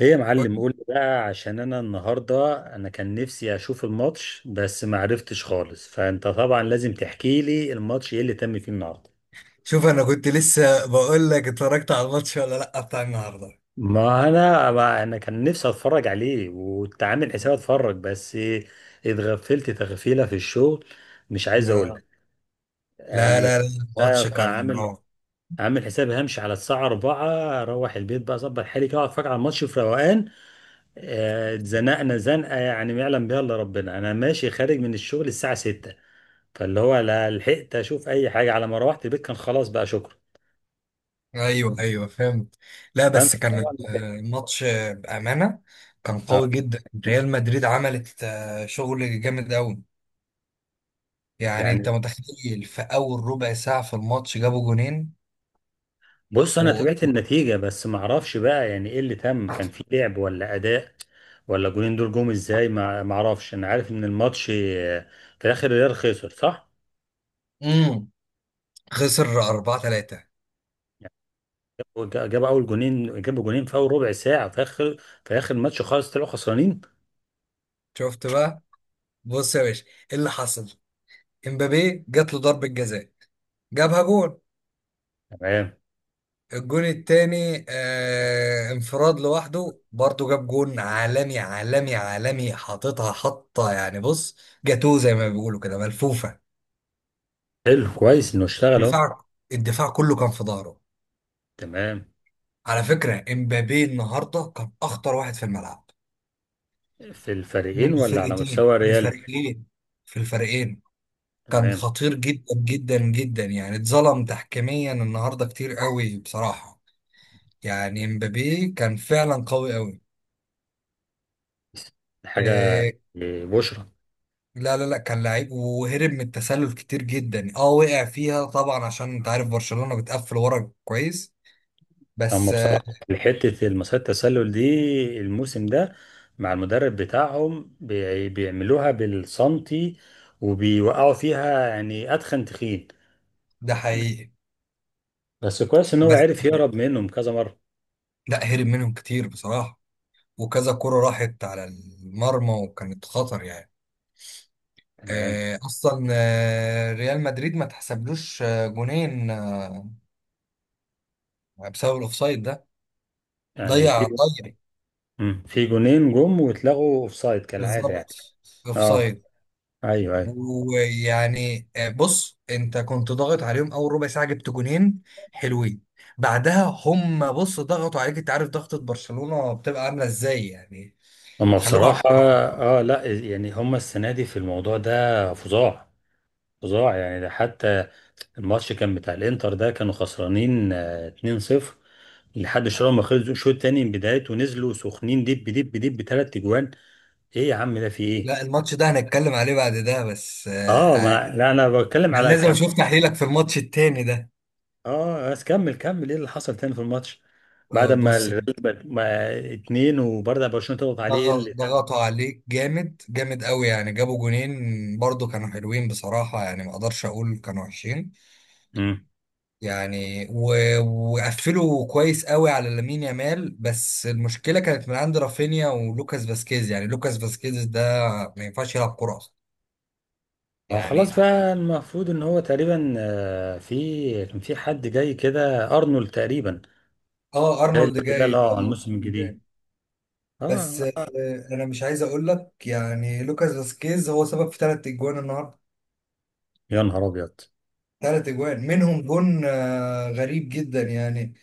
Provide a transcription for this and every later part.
ايه يا معلم، قول لي بقى عشان انا النهارده انا كان نفسي اشوف الماتش بس ما عرفتش خالص. فانت طبعا لازم تحكي لي الماتش ايه اللي تم فيه النهارده. شوف انا كنت لسه بقول لك اتفرجت على الماتش ولا لا بتاع النهارده. ما انا كان نفسي اتفرج عليه وكنت عامل حساب اتفرج بس. اتغفلت تغفيله في الشغل. مش عايز اقول آه. لك لا يعني. لا لا، أنا الماتش كنت كان عامل نار. عامل حسابي همشي على الساعه 4، اروح البيت بقى اظبط حالي كده وأقعد اتفرج على الماتش في روقان. اتزنقنا زنقه يعني ما يعلم بها الا ربنا. انا ماشي خارج من الشغل الساعه 6، فاللي هو لا لحقت اشوف اي حاجه، على ما روحت البيت كان خلاص بقى، شكرا. ايوه ايوه فهمت. لا فانت بس كان طبعا لحقت. الماتش، بامانه كان قوي اه جدا. ريال مدريد عملت شغل جامد قوي. يعني انت يعني، متخيل في اول ربع ساعه في الماتش جابوا جونين بص انا و تابعت النتيجه بس ما اعرفش بقى يعني ايه اللي تم، كان في لعب ولا اداء ولا الجولين دول جم ازاي. ما اعرفش. انا عارف ان الماتش في الاخر الريال خسر، صح؟ مم. خسر 4-3. يعني جاب اول جونين، جاب جونين في اول ربع ساعه، في اخر الماتش خالص طلعوا خسرانين. شفت بقى، بص يا باشا ايه اللي حصل. امبابي جات له ضربه جزاء جابها جون. تمام. الجون التاني انفراد لوحده برضه، جاب جون عالمي عالمي عالمي حاططها حطة. يعني بص، جاتوه زي ما بيقولوا كده ملفوفة. حلو، كويس انه اشتغل اهو. دفاع الدفاع كله كان في ظهره. تمام. على فكرة امبابي النهاردة كان أخطر واحد في الملعب. في الفريقين ولا على مستوى من الريال؟ الفريقين، في الفريقين. كان تمام. خطير جدا جدا جدا. يعني اتظلم تحكيميا النهاردة كتير قوي بصراحة. يعني امبابي كان فعلا قوي قوي. حاجة. آه، بشرة. لا لا لا، كان لعيب وهرب من التسلل كتير جدا. اه وقع فيها طبعا عشان انت عارف برشلونة بتقفل ورا كويس. هم بس بصراحة حتة المسات التسلل دي الموسم ده مع المدرب بتاعهم بيعملوها بالسنتي، وبيوقعوا فيها يعني أتخن تخين. ده حقيقي. بس كويس إن هو بس عرف يهرب منهم كذا مرة. لا، هرب منهم كتير بصراحة، وكذا كرة راحت على المرمى وكانت خطر يعني. تمام. اصلا ريال مدريد ما تحسبلوش جونين بسبب الاوفسايد ده. يعني في، ضيع. في جونين جم واتلغوا أوفسايد كالعادة يعني. بالظبط اه، اوفسايد. ايوه ايوه. ويعني بص انت كنت ضاغط عليهم اول ربع ساعه جبت جونين حلوين. بعدها هم بص ضغطوا عليك. انت عارف ضغطه برشلونه بتبقى عامله ازاي يعني. هم خلوكوا عارف. بصراحة، اه لا يعني هم السنة دي في الموضوع ده فظاع، فظاع يعني. ده حتى الماتش كان بتاع الانتر ده كانوا خسرانين 2-0 لحد شويه ما خلصوا الشوط التاني، من بدايته ونزلوا سخنين دب دب دب بثلاث اجوان. ايه يا عم ده في ايه؟ لا الماتش ده هنتكلم عليه بعد ده، بس اه، ما أنا- لا انا بتكلم انا على لازم كم. اشوف تحليلك في الماتش التاني ده. اه بس كمل كمل، ايه اللي حصل تاني في الماتش؟ بعد ما بص الريال ما اتنين وبرضه برشلونه تضغط عليه، ايه اللي كان؟ ضغطوا عليك جامد جامد قوي. يعني جابوا جونين برضو كانوا حلوين بصراحه، يعني ما اقدرش اقول كانوا وحشين. مم. يعني وقفلوا كويس قوي على لامين يامال، بس المشكله كانت من عند رافينيا ولوكاس فاسكيز. يعني لوكاس فاسكيز ده ما ينفعش يلعب كوره اصلا. اه يعني خلاص بقى المفروض ان هو تقريبا كان في حد جاي كده، ارنولد تقريبا. اه، ارنولد لا جاي، لا، على الموسم ارنولد جاي. الجديد. بس اه. انا مش عايز اقول لك، يعني لوكاس فاسكيز هو سبب في ثلاث اجوان النهارده. يا نهار ابيض. ثلاث اجوان منهم جون غريب جدا يعني.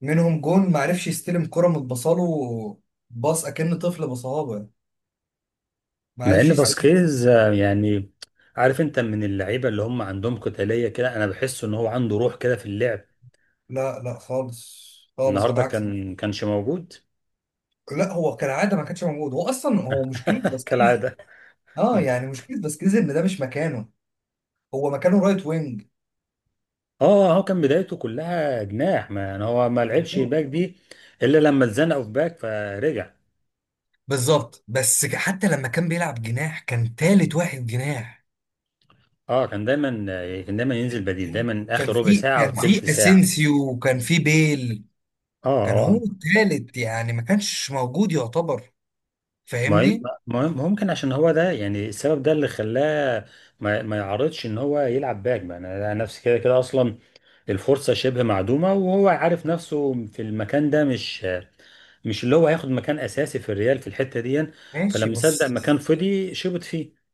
منهم جون ما عرفش يستلم كرة متبصاله، باص اكن طفل بصهابه، ما مع ان عرفش. فاسكيز يعني، عارف انت من اللعيبه اللي هم عندهم قتاليه كده، انا بحس ان هو عنده روح كده في اللعب. لا لا خالص، خالص على النهارده عكس. كانش موجود. لا هو كالعاده ما كانش موجود. هو اصلا، هو مشكله باسكيز. كالعاده. اه، اه. يعني مشكله باسكيز ان ده مش مكانه. هو مكانه رايت وينج. هو كان بدايته كلها جناح، ما يعني هو ما لعبش باك دي الا لما اتزنقوا في باك فرجع. بالظبط، بس حتى لما كان بيلعب جناح كان تالت واحد جناح. اه، كان دايما ينزل بديل، دايما اخر ربع ساعه او كان تلت في ساعه. اسينسيو وكان في بيل. اه، كان آه، هو آه. التالت، يعني ما كانش موجود يعتبر. ما فاهمني. ممكن عشان هو ده يعني السبب ده اللي خلاه ما يعرضش ان هو يلعب باك بقى. انا أنا نفسي كده كده اصلا الفرصه شبه معدومه، وهو عارف نفسه في المكان ده مش اللي هو هياخد مكان اساسي في الريال في الحته دي. ماشي فلما صدق بس، مكان فضي شبط فيه.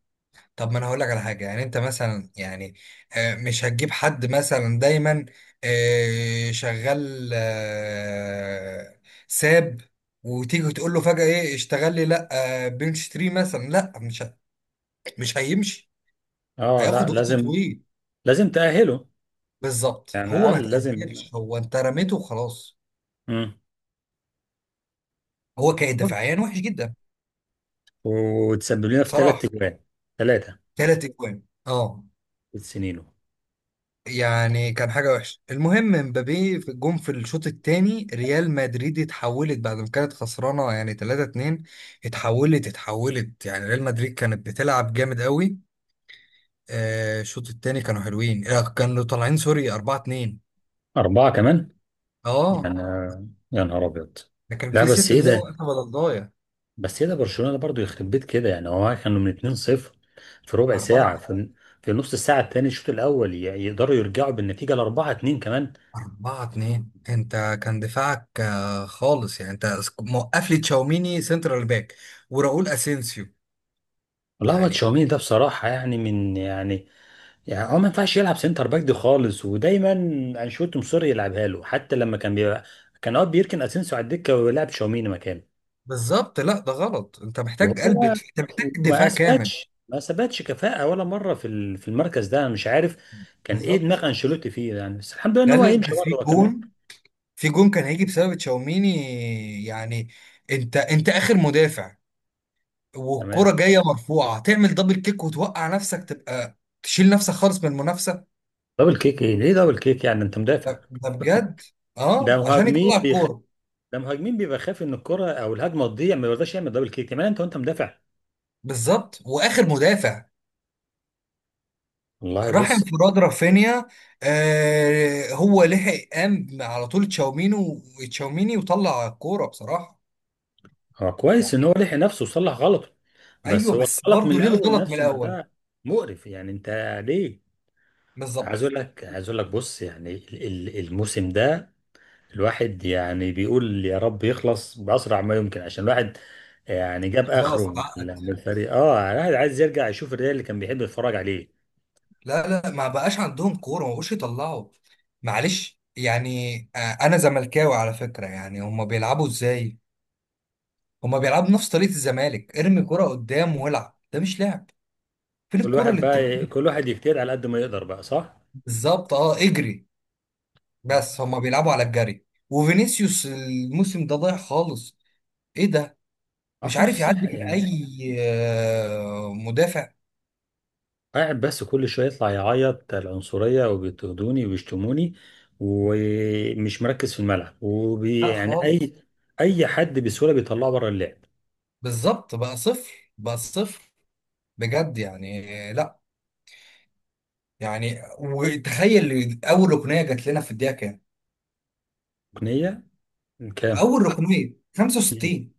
طب ما انا هقول لك على حاجه. يعني انت مثلا يعني مش هتجيب حد مثلا دايما شغال، ساب، وتيجي تقول له فجاه ايه اشتغل لي. لا، بنش تري مثلا لا، مش مش هيمشي. اه لا، هياخد وقت لازم طويل. لازم تاهله. بالظبط، يعني هو على ما الاقل لازم. تاهلش، هو انت رميته وخلاص. مم. هو كان دفاعيا وحش جدا وتسبب لنا في ثلاث بصراحه. تجوان ثلاثه. ثلاث اجوان، اه. سنينه. يعني كان حاجة وحشة. المهم مبابي في جون في الشوط الثاني، ريال مدريد اتحولت بعد ما كانت خسرانة يعني 3-2. اتحولت. يعني ريال مدريد كانت بتلعب جامد قوي. الشوط الثاني كانوا حلوين، كانوا طالعين سوري 4-2. اربعه كمان. اه، يعني يا نهار ابيض. ده كان لا في ست بس ايه دقايق ده، وقت بدل ضايع. بس هي ده برشلونه برضو يخرب بيت كده، يعني هو كانوا من 2-0 في ربع 4 ساعه في نص الساعه الثانيه الشوط الاول يقدروا يرجعوا بالنتيجه ل 4-2 كمان. 4 2. انت كان دفاعك خالص. يعني انت موقف لي تشاوميني سنترال باك وراؤول اسينسيو. والله هو يعني تشاوميني ده بصراحه يعني من يعني، يعني هو ما ينفعش يلعب سنتر باك دي خالص، ودايما انشيلوتي مصر يلعبها له. حتى لما كان بيبقى، كان اوقات بيركن اسينسيو على الدكه ويلعب تشاوميني مكانه، بالظبط، لا ده غلط. انت محتاج وهو انت محتاج ما دفاع كامل. اثبتش ما اثبتش كفاءه ولا مره في في المركز ده. انا مش عارف كان ايه دماغ بالظبط، انشيلوتي فيه يعني، بس الحمد لله ان لا هو لا هيمشي ده برضه هو كمان. في جون كان هيجي بسبب تشاوميني. يعني انت اخر مدافع، تمام. والكرة جاية مرفوعة تعمل دبل كيك وتوقع نفسك، تبقى تشيل نفسك خالص من المنافسة. دبل كيك ايه، ليه دبل كيك؟ يعني انت مدافع. ده بجد. ده اه، عشان يطلع الكورة. ده مهاجمين بيبقى خايف ان الكره او الهجمه تضيع ما بيرضاش يعمل دبل كيك، كمان انت وانت مدافع. بالظبط، واخر مدافع والله راح بص، انفراد رافينيا. آه، هو لحق قام على طول تشاوميني، وتشاوميني وطلع الكورة بصراحة. هو كويس ان هو يعني لحق نفسه وصلح غلطه، بس ايوه، هو بس الغلط من برضه ليه الاول الغلط من نفسه ما الاول. ده مقرف يعني. انت ليه؟ عايز بالظبط، اقول لك، عايز اقول لك، بص يعني الموسم ده الواحد يعني بيقول يا رب يخلص باسرع ما يمكن، عشان الواحد يعني جاب اخره خلاص من عقد. من الفريق. اه، الواحد عايز يرجع يشوف الريال اللي كان بيحب يتفرج عليه. لا لا، ما بقاش عندهم كوره، ما بقوش يطلعوا. معلش يعني انا زملكاوي على فكره. يعني هما بيلعبوا ازاي؟ هما بيلعبوا نفس طريقه الزمالك، ارمي كوره قدام والعب. ده مش لعب. فين كل الكوره واحد اللي بقى، بتبني؟ كل واحد يجتهد على قد ما يقدر بقى، صح؟ بالظبط، اه، اجري. ما بس هما بيلعبوا على الجري. وفينيسيوس الموسم ده ضايع خالص. ايه ده! مش اعرفش عارف نفسه يعدي صح من اي يعني، مدافع. قاعد بس كل شويه يطلع يعيط العنصريه وبيضطهدوني وبيشتموني، ومش مركز في الملعب، وبي لا يعني خالص. اي، اي حد بسهوله بيطلعه بره اللعب. بالظبط، بقى صفر بقى صفر بجد. يعني لا، يعني وتخيل اول ركنيه جات لنا في الدقيقه كام؟ ركنيه كام؟ اول ركنيه 65.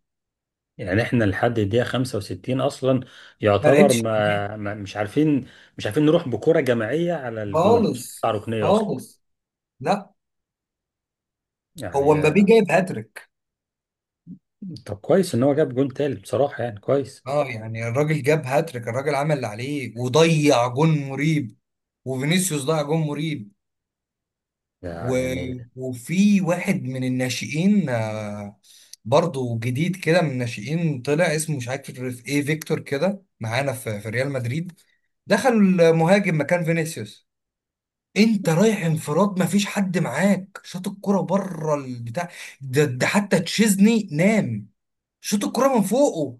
يعني احنا لحد الدقيقه 65 اصلا ما يعتبر، لعبتش نهائي. ما مش عارفين نروح بكره جماعيه على الجون عشان نطلع خالص ركنيه اصلا. خالص. لا هو يعني مبابي جايب هاتريك. طب كويس ان هو جاب جون تالت بصراحه يعني، كويس. اه يعني الراجل جاب هاتريك، الراجل عمل اللي عليه. وضيع جون مريب، وفينيسيوس ضيع جون مريب. ده و... يعني، وفي واحد من الناشئين برضه جديد كده من الناشئين، طلع اسمه مش عارف ايه، فيكتور كده، معانا في ريال مدريد. دخل المهاجم مكان فينيسيوس. انت رايح انفراد، مفيش حد معاك، شاط الكرة بره البتاع. ده حتى تشيزني نام. شاط الكرة من فوقه.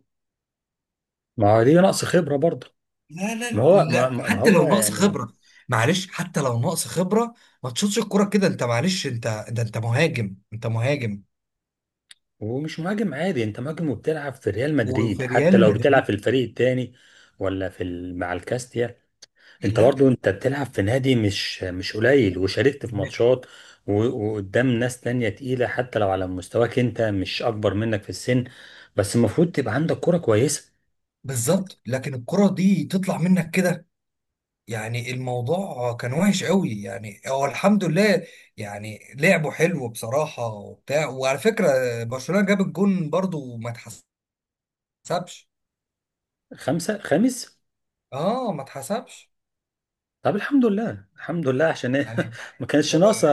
ما هو دي نقص خبرة برضه. لا لا ما لا هو ما لا، ما- ما حتى هو لو ناقص يعني، خبرة، معلش، حتى لو ناقص خبرة، ما تشوطش الكرة كده. انت معلش، انت ده، انت مهاجم، انت مهاجم هو مش مهاجم عادي، انت مهاجم وبتلعب في ريال مدريد، وفي حتى ريال لو بتلعب في مدريد. الفريق التاني ولا في ال... مع الكاستيا، انت لا برضه انت بتلعب في نادي مش قليل، وشاركت في ب- ماتشات، و... وقدام ناس تانية تقيلة، حتى لو على مستواك انت مش اكبر منك في السن، بس المفروض تبقى عندك كرة كويسة. بالظبط، لكن الكرة دي تطلع منك كده؟ يعني الموضوع كان وحش قوي. يعني هو الحمد لله، يعني لعبه حلو بصراحة وبتاع. وعلى فكرة برشلونة جاب الجون برضو ما اتحسبش. خمسة، خامس. اه ما اتحسبش، طب الحمد لله، الحمد لله عشان ايه يعني ما كانش هو ناقصه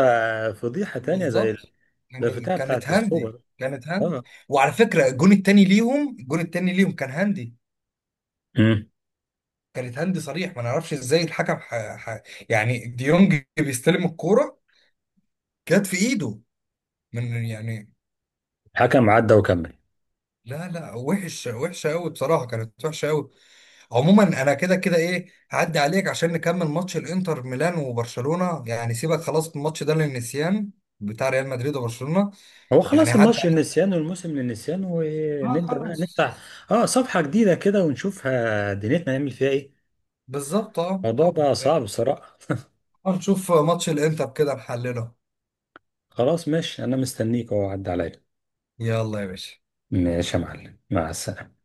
فضيحه تانية زي بالظبط. زي يعني الفتاة كانت بتاعت هاندي، السوبر. كانت هاندي. اه. وعلى فكرة الجون التاني ليهم، الجون التاني ليهم كان هاندي، امم كانت هاندي صريح. ما نعرفش ازاي الحكم يعني ديونج بيستلم الكورة، جت في ايده، من يعني. حكم عدى وكمل. لا لا، وحش، وحشة قوي بصراحة، كانت وحشة قوي. عموما انا كده كده ايه هعدي عليك عشان نكمل ماتش الانتر ميلان وبرشلونة. يعني سيبك خلاص من الماتش ده للنسيان، بتاع ريال مدريد وبرشلونة. هو يعني خلاص هعدي الماتش عليك. للنسيان والموسم للنسيان، اه ونبدا بقى خلاص. نفتح اه صفحه جديده كده ونشوفها دنيتنا نعمل فيها ايه. بالظبط اه. الموضوع بقى صعب بصراحه. نشوف ماتش الانتر كده نحلله. خلاص ماشي، انا مستنيك اهو عدى عليا. يلا يا باشا. ماشي يا معلم، مع السلامه.